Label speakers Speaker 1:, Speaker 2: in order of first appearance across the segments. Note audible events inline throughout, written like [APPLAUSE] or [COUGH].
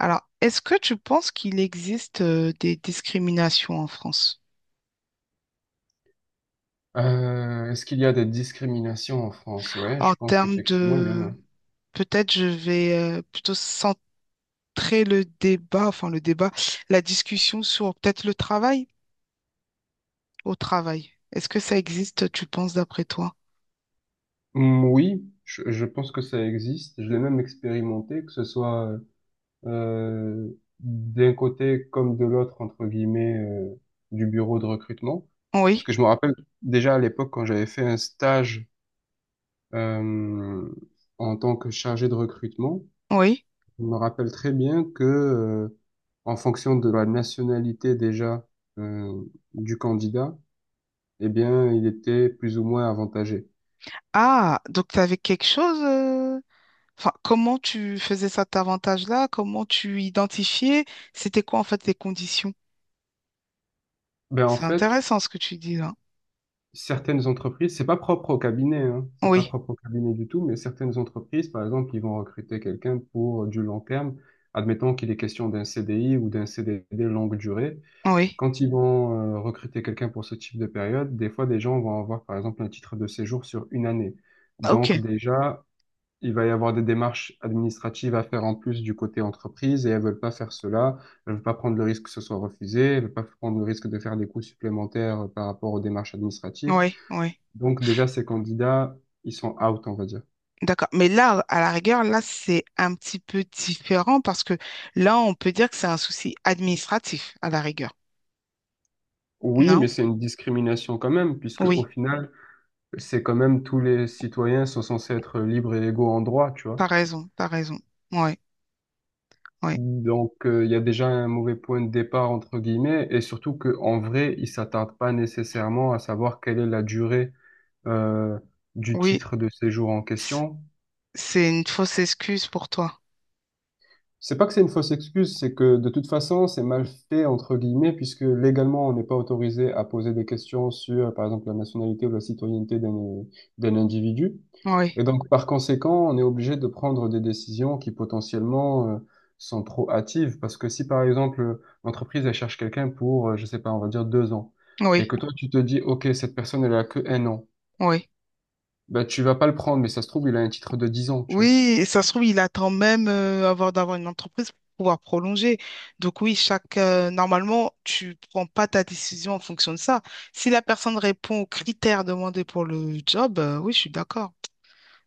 Speaker 1: Alors, est-ce que tu penses qu'il existe des discriminations en France?
Speaker 2: Est-ce qu'il y a des discriminations en France? Ouais,
Speaker 1: En
Speaker 2: je pense
Speaker 1: termes
Speaker 2: qu'effectivement, il y en
Speaker 1: de...
Speaker 2: a.
Speaker 1: Peut-être je vais plutôt centrer le débat, enfin le débat, la discussion sur peut-être le travail au travail. Est-ce que ça existe, tu penses, d'après toi?
Speaker 2: Mm, oui, je pense que ça existe. Je l'ai même expérimenté, que ce soit euh, d'un côté comme de l'autre, entre guillemets, du bureau de recrutement. Parce
Speaker 1: Oui,
Speaker 2: que je me rappelle déjà à l'époque, quand j'avais fait un stage euh, en tant que chargé de recrutement,
Speaker 1: oui.
Speaker 2: je me rappelle très bien que, en fonction de la nationalité déjà euh, du candidat, eh bien, il était plus ou moins avantagé.
Speaker 1: Ah, donc tu avais quelque chose... Enfin, comment tu faisais cet avantage-là? Comment tu identifiais? C'était quoi en fait les conditions?
Speaker 2: Ben, en
Speaker 1: C'est
Speaker 2: fait,
Speaker 1: intéressant ce que tu dis là.
Speaker 2: certaines entreprises, c'est pas propre au cabinet, hein, c'est pas
Speaker 1: Oui,
Speaker 2: propre au cabinet du tout, mais certaines entreprises, par exemple, ils vont recruter quelqu'un pour du long terme. Admettons qu'il est question d'un CDI ou d'un CDD longue durée.
Speaker 1: oui.
Speaker 2: Quand ils vont recruter quelqu'un pour ce type de période, des fois, des gens vont avoir, par exemple, un titre de séjour sur une année.
Speaker 1: Ok,
Speaker 2: Donc, déjà, il va y avoir des démarches administratives à faire en plus du côté entreprise et elles veulent pas faire cela. Elles veulent pas prendre le risque que ce soit refusé. Elles veulent pas prendre le risque de faire des coûts supplémentaires par rapport aux démarches administratives.
Speaker 1: oui, oui.
Speaker 2: Donc déjà, ces candidats, ils sont out, on va dire.
Speaker 1: D'accord. Mais là, à la rigueur, là, c'est un petit peu différent parce que là, on peut dire que c'est un souci administratif, à la rigueur.
Speaker 2: Oui,
Speaker 1: Non?
Speaker 2: mais c'est une discrimination quand même, puisque au
Speaker 1: Oui,
Speaker 2: final, c'est quand même tous les citoyens sont censés être libres et légaux en droit, tu vois.
Speaker 1: t'as raison, t'as raison. Oui, oui,
Speaker 2: Donc, il y a déjà un mauvais point de départ, entre guillemets, et surtout qu'en vrai, ils s'attardent pas nécessairement à savoir quelle est la durée euh, du
Speaker 1: oui.
Speaker 2: titre de séjour en
Speaker 1: c-
Speaker 2: question.
Speaker 1: C'est une fausse excuse pour toi.
Speaker 2: C'est pas que c'est une fausse excuse, c'est que de toute façon, c'est mal fait, entre guillemets, puisque légalement, on n'est pas autorisé à poser des questions sur, par exemple, la nationalité ou la citoyenneté d'un d'un individu.
Speaker 1: Oui,
Speaker 2: Et donc, par conséquent, on est obligé de prendre des décisions qui potentiellement sont trop hâtives, parce que si, par exemple, l'entreprise, elle cherche quelqu'un pour, je sais pas, on va dire 2 ans, et
Speaker 1: oui,
Speaker 2: que toi, tu te dis, OK, cette personne, elle a que 1 an,
Speaker 1: oui.
Speaker 2: ben, tu vas pas le prendre, mais ça se trouve, il a un titre de 10 ans, tu vois.
Speaker 1: Oui, et ça se trouve, il attend même avant d'avoir une entreprise pour pouvoir prolonger. Donc oui, chaque normalement, tu prends pas ta décision en fonction de ça. Si la personne répond aux critères demandés pour le job, oui, je suis d'accord.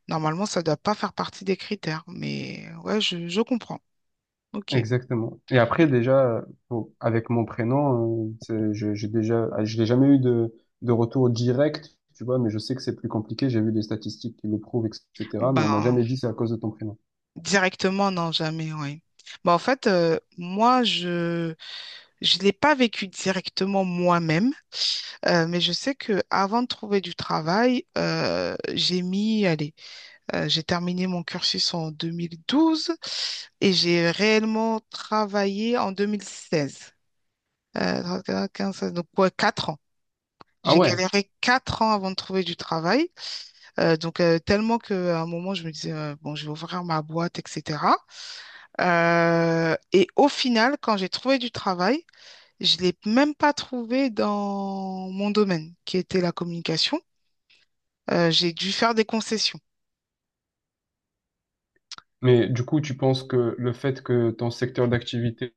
Speaker 1: Normalement, ça ne doit pas faire partie des critères, mais ouais, je comprends. Ok.
Speaker 2: Exactement. Et après,
Speaker 1: Et-
Speaker 2: déjà, bon, avec mon prénom, j'ai déjà, ah, je n'ai jamais eu de retour direct, tu vois, mais je sais que c'est plus compliqué. J'ai vu des statistiques qui le prouvent, etc. Mais on m'a
Speaker 1: Ben,
Speaker 2: jamais dit c'est à cause de ton prénom.
Speaker 1: directement, non, jamais, oui. Ben, en fait, moi, je l'ai pas vécu directement moi-même, mais je sais que avant de trouver du travail, allez, j'ai terminé mon cursus en 2012 et j'ai réellement travaillé en 2016. 13, 14, 15, 16, donc ouais, 4 ans.
Speaker 2: Ah
Speaker 1: J'ai
Speaker 2: ouais.
Speaker 1: galéré 4 ans avant de trouver du travail. Tellement qu'à un moment, je me disais, bon, je vais ouvrir ma boîte, etc. Et au final, quand j'ai trouvé du travail, je ne l'ai même pas trouvé dans mon domaine, qui était la communication. J'ai dû faire des concessions.
Speaker 2: Mais du coup, tu penses que le fait que ton secteur d'activité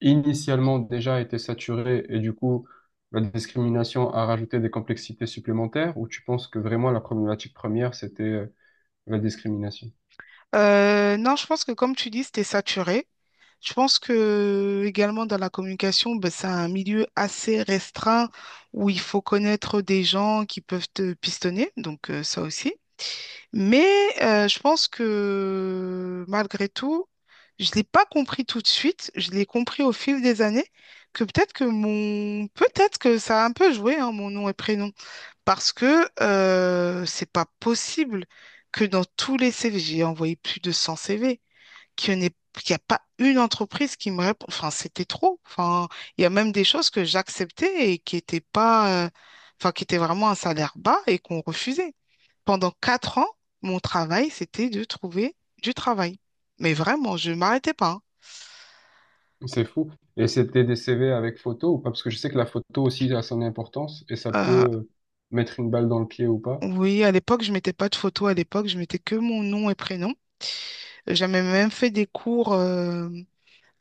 Speaker 2: initialement déjà était saturé et du coup, la discrimination a rajouté des complexités supplémentaires, ou tu penses que vraiment la problématique première, c'était la discrimination?
Speaker 1: Non, je pense que comme tu dis, c'était saturé. Je pense que également dans la communication, ben, c'est un milieu assez restreint où il faut connaître des gens qui peuvent te pistonner, donc ça aussi. Mais je pense que malgré tout, je ne l'ai pas compris tout de suite, je l'ai compris au fil des années, que peut-être que ça a un peu joué, hein, mon nom et prénom. Parce que c'est pas possible que dans tous les CV, j'ai envoyé plus de 100 CV, qu'il n'y en ait- qu'il y a pas une entreprise qui me répond. Enfin, c'était trop. Enfin, il y a même des choses que j'acceptais et qui étaient pas, enfin, qui étaient vraiment un salaire bas et qu'on refusait. Pendant 4 ans, mon travail, c'était de trouver du travail. Mais vraiment, je m'arrêtais pas.
Speaker 2: C'est fou. Et c'était des CV avec photo ou pas? Parce que je sais que la photo aussi a son importance et ça
Speaker 1: Hein.
Speaker 2: peut mettre une balle dans le pied ou pas.
Speaker 1: Oui, à l'époque, je mettais pas de photo. À l'époque, je mettais que mon nom et prénom. J'avais même fait des cours.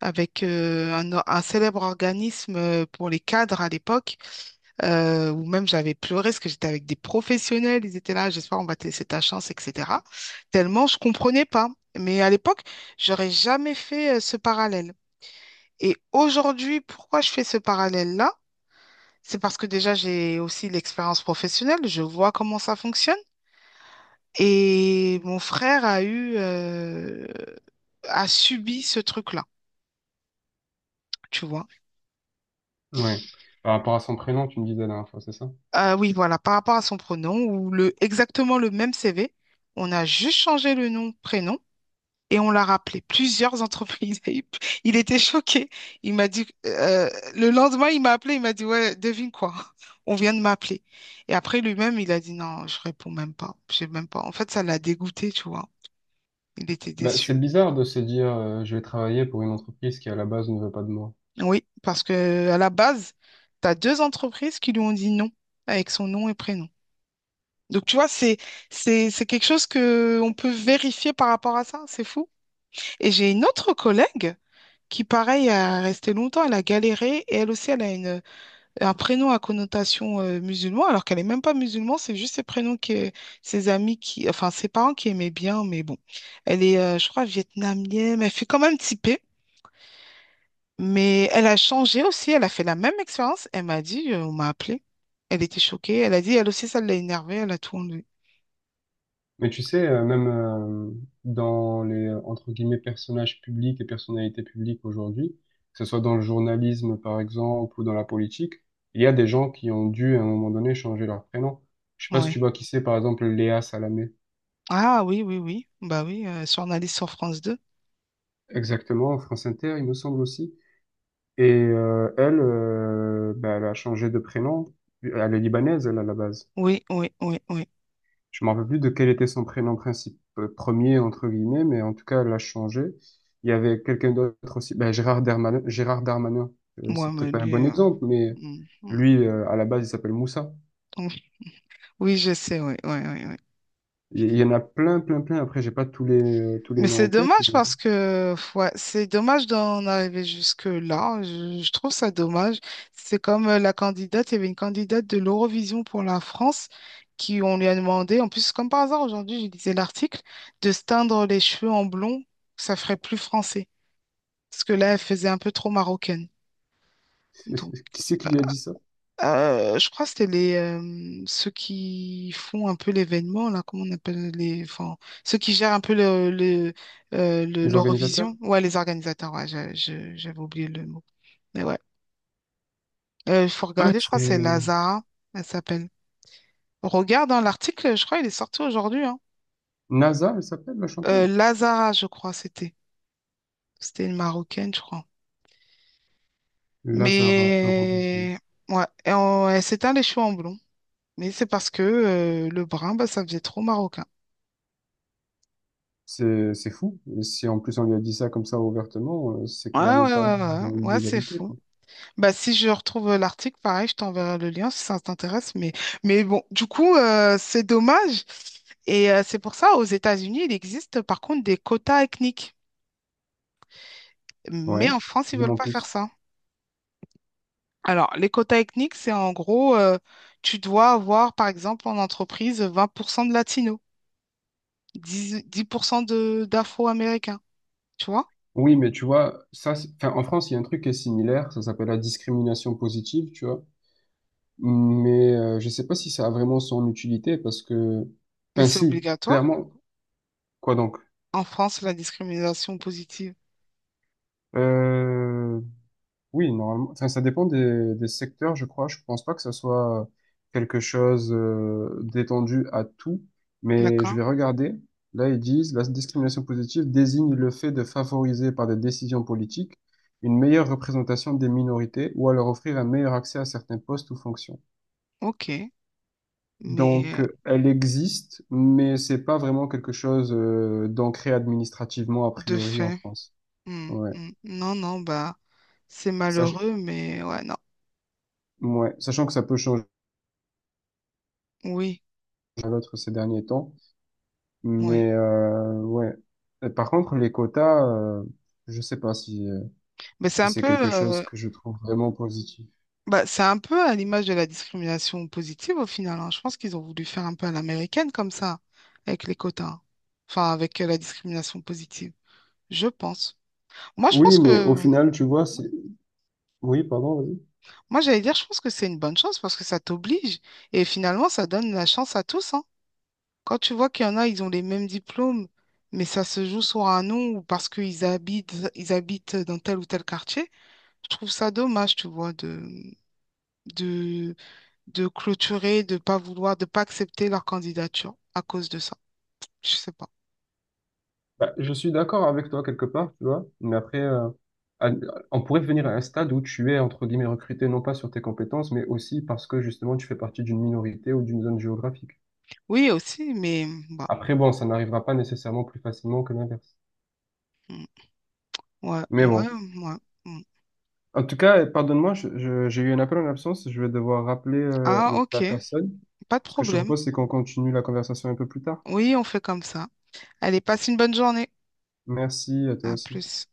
Speaker 1: Avec un célèbre organisme pour les cadres à l'époque, où même j'avais pleuré parce que j'étais avec des professionnels, ils étaient là, j'espère on va te laisser ta chance, etc. Tellement je comprenais pas. Mais à l'époque, j'aurais jamais fait ce parallèle. Et aujourd'hui, pourquoi je fais ce parallèle-là? C'est parce que déjà, j'ai aussi l'expérience professionnelle, je vois comment ça fonctionne. Et mon frère a subi ce truc-là, tu vois.
Speaker 2: Ouais. Par rapport à son prénom, tu me disais la dernière fois, c'est ça?
Speaker 1: Oui, voilà, par rapport à son pronom exactement le même CV, on a juste changé le nom, prénom et on l'a rappelé plusieurs entreprises. [LAUGHS] Il était choqué. Il m'a dit, le lendemain, il m'a appelé, il m'a dit, ouais, devine quoi, [LAUGHS] on vient de m'appeler. Et après, lui-même, il a dit, non, je réponds même pas, je sais même pas. En fait, ça l'a dégoûté, tu vois. Il était
Speaker 2: Ben,
Speaker 1: déçu.
Speaker 2: c'est bizarre de se dire je vais travailler pour une entreprise qui à la base ne veut pas de moi.
Speaker 1: Oui, parce que à la base, tu as deux entreprises qui lui ont dit non avec son nom et prénom. Donc, tu vois, c'est quelque chose que on peut vérifier par rapport à ça. C'est fou. Et j'ai une autre collègue qui, pareil, a resté longtemps. Elle a galéré et elle aussi, elle a un prénom à connotation musulman, alors qu'elle n'est même pas musulman. C'est juste ses prénoms que enfin, ses parents qui aimaient bien. Mais bon, elle est, je crois, vietnamienne. Elle fait quand même typée. Mais elle a changé aussi. Elle a fait la même expérience. Elle m'a dit, on m'a appelée. Elle était choquée. Elle a dit, elle aussi, ça l'a énervée. Elle a tout enlevé.
Speaker 2: Mais tu sais, même dans les entre guillemets personnages publics et personnalités publiques aujourd'hui, que ce soit dans le journalisme par exemple ou dans la politique, il y a des gens qui ont dû à un moment donné changer leur prénom. Je sais pas si
Speaker 1: Ouais.
Speaker 2: tu vois qui c'est, par exemple Léa Salamé.
Speaker 1: Ah oui, oui, oui. Bah oui, journaliste sur France 2.
Speaker 2: Exactement, France Inter, il me semble aussi. Et elle, bah, elle a changé de prénom. Elle est libanaise, elle, à la base.
Speaker 1: Oui, oui, oui, oui.
Speaker 2: Je me rappelle plus de quel était son prénom principal, premier, entre guillemets, mais en tout cas, elle a changé. Il y avait quelqu'un d'autre aussi, bah, Gérard Darmanin. Gérard Darmanin,
Speaker 1: Moi,
Speaker 2: c'est
Speaker 1: mais
Speaker 2: peut-être pas un
Speaker 1: lui,
Speaker 2: bon exemple, mais
Speaker 1: mm, mm,
Speaker 2: lui, à la base, il s'appelle Moussa.
Speaker 1: mm. Oui, je sais, oui, oui, oui, oui.
Speaker 2: Il y en a plein, plein, plein. Après, j'ai pas tous les, tous les
Speaker 1: Mais
Speaker 2: noms
Speaker 1: c'est
Speaker 2: en tête.
Speaker 1: dommage
Speaker 2: Mais
Speaker 1: parce que ouais, c'est dommage d'en arriver jusque-là. Je trouve ça dommage. C'est comme la candidate, il y avait une candidate de l'Eurovision pour la France qui, on lui a demandé, en plus, comme par hasard, aujourd'hui, je lisais l'article, de se teindre les cheveux en blond, ça ferait plus français. Parce que là, elle faisait un peu trop marocaine. Donc.
Speaker 2: [LAUGHS] qui c'est qui lui a dit ça?
Speaker 1: Je crois que c'était les ceux qui font un peu l'événement, là, comment on appelle les. Enfin, ceux qui gèrent un peu
Speaker 2: Les organisateurs?
Speaker 1: l'Eurovision. Ouais, les organisateurs, ouais, j'avais oublié le mot. Mais ouais. Il faut
Speaker 2: Ouais,
Speaker 1: regarder, je
Speaker 2: c'est
Speaker 1: crois que c'est Lazara, elle s'appelle. Regarde dans l'article, je crois il est sorti aujourd'hui. Hein.
Speaker 2: NASA, elle s'appelle, la chanteuse.
Speaker 1: Lazara, je crois, c'était. C'était une Marocaine, je crois.
Speaker 2: Lazara, Eurovision.
Speaker 1: Mais ouais, et elle s'éteint les cheveux en blond. Mais c'est parce que le brun, bah, ça faisait trop marocain.
Speaker 2: C'est fou. Et si en plus on lui a dit ça comme ça ouvertement, c'est
Speaker 1: Ouais, ouais,
Speaker 2: clairement pas
Speaker 1: ouais, ouais, ouais,
Speaker 2: dans
Speaker 1: ouais, c'est
Speaker 2: l'illégalité,
Speaker 1: fou.
Speaker 2: quoi.
Speaker 1: Bah, si je retrouve l'article, pareil, je t'enverrai le lien si ça t'intéresse. Mais bon, du coup, c'est dommage. Et c'est pour ça, aux États-Unis, il existe par contre des quotas ethniques. Mais
Speaker 2: Ouais.
Speaker 1: en France, ils
Speaker 2: Dis-moi
Speaker 1: veulent
Speaker 2: en
Speaker 1: pas faire
Speaker 2: plus.
Speaker 1: ça. Alors, les quotas ethniques, c'est en gros, tu dois avoir, par exemple, en entreprise, 20% de latinos, 10% de d'afro-américains, tu vois?
Speaker 2: Oui, mais tu vois, ça, c'est- enfin, en France, il y a un truc qui est similaire. Ça s'appelle la discrimination positive, tu vois. Mais je sais pas si ça a vraiment son utilité parce que,
Speaker 1: Mais
Speaker 2: enfin,
Speaker 1: c'est
Speaker 2: si,
Speaker 1: obligatoire.
Speaker 2: clairement. Quoi donc?
Speaker 1: En France, la discrimination positive.
Speaker 2: Euh, Oui, normalement. Enfin, ça dépend des secteurs, je crois. Je pense pas que ça soit quelque chose d'étendu à tout, mais je
Speaker 1: D'accord?
Speaker 2: vais regarder. Là, ils disent, la discrimination positive désigne le fait de favoriser par des décisions politiques une meilleure représentation des minorités ou à leur offrir un meilleur accès à certains postes ou fonctions.
Speaker 1: Ok.
Speaker 2: Donc,
Speaker 1: Mais
Speaker 2: elle existe, mais c'est pas vraiment quelque chose d'ancré administrativement a
Speaker 1: de
Speaker 2: priori en
Speaker 1: fait.
Speaker 2: France.
Speaker 1: Hmm,
Speaker 2: Ouais.
Speaker 1: hmm. Non, non, bah, c'est
Speaker 2: Sach-
Speaker 1: malheureux, mais ouais, non.
Speaker 2: ouais. Sachant que ça peut changer
Speaker 1: Oui,
Speaker 2: à l'autre ces derniers temps.
Speaker 1: oui.
Speaker 2: Mais ouais. Et par contre, les quotas, je sais pas si,
Speaker 1: Mais c'est
Speaker 2: si
Speaker 1: un
Speaker 2: c'est
Speaker 1: peu,
Speaker 2: quelque chose
Speaker 1: euh,
Speaker 2: que je trouve vraiment positif.
Speaker 1: bah, c'est un peu à l'image de la discrimination positive au final. Hein. Je pense qu'ils ont voulu faire un peu à l'américaine comme ça, avec les quotas. Enfin, avec la discrimination positive. Je pense. Moi, je
Speaker 2: Oui,
Speaker 1: pense
Speaker 2: mais au
Speaker 1: que,
Speaker 2: final, tu vois, c'est... Oui, pardon, vas-y.
Speaker 1: moi, j'allais dire, je pense que c'est une bonne chose parce que ça t'oblige et finalement, ça donne la chance à tous, hein. Quand tu vois qu'il y en a, ils ont les mêmes diplômes, mais ça se joue sur un nom ou parce qu'ils habitent dans tel ou tel quartier, je trouve ça dommage, tu vois, de, de clôturer, de pas vouloir, de pas accepter leur candidature à cause de ça. Je sais pas.
Speaker 2: Bah, je suis d'accord avec toi quelque part, tu vois, mais après, à- on pourrait venir à un stade où tu es, entre guillemets, recruté non pas sur tes compétences, mais aussi parce que justement, tu fais partie d'une minorité ou d'une zone géographique.
Speaker 1: Oui, aussi, mais bah,
Speaker 2: Après, bon, ça n'arrivera pas nécessairement plus facilement que l'inverse.
Speaker 1: mm, ouais,
Speaker 2: Mais
Speaker 1: ouais,
Speaker 2: bon.
Speaker 1: ouais. Mm.
Speaker 2: En tout cas, pardonne-moi, j'ai eu un appel en absence. Je vais devoir rappeler
Speaker 1: Ah, ok,
Speaker 2: la personne.
Speaker 1: pas de
Speaker 2: Ce que je te
Speaker 1: problème.
Speaker 2: propose, c'est qu'on continue la conversation un peu plus tard.
Speaker 1: Oui, on fait comme ça. Allez, passe une bonne journée.
Speaker 2: Merci à toi
Speaker 1: À
Speaker 2: aussi.
Speaker 1: plus.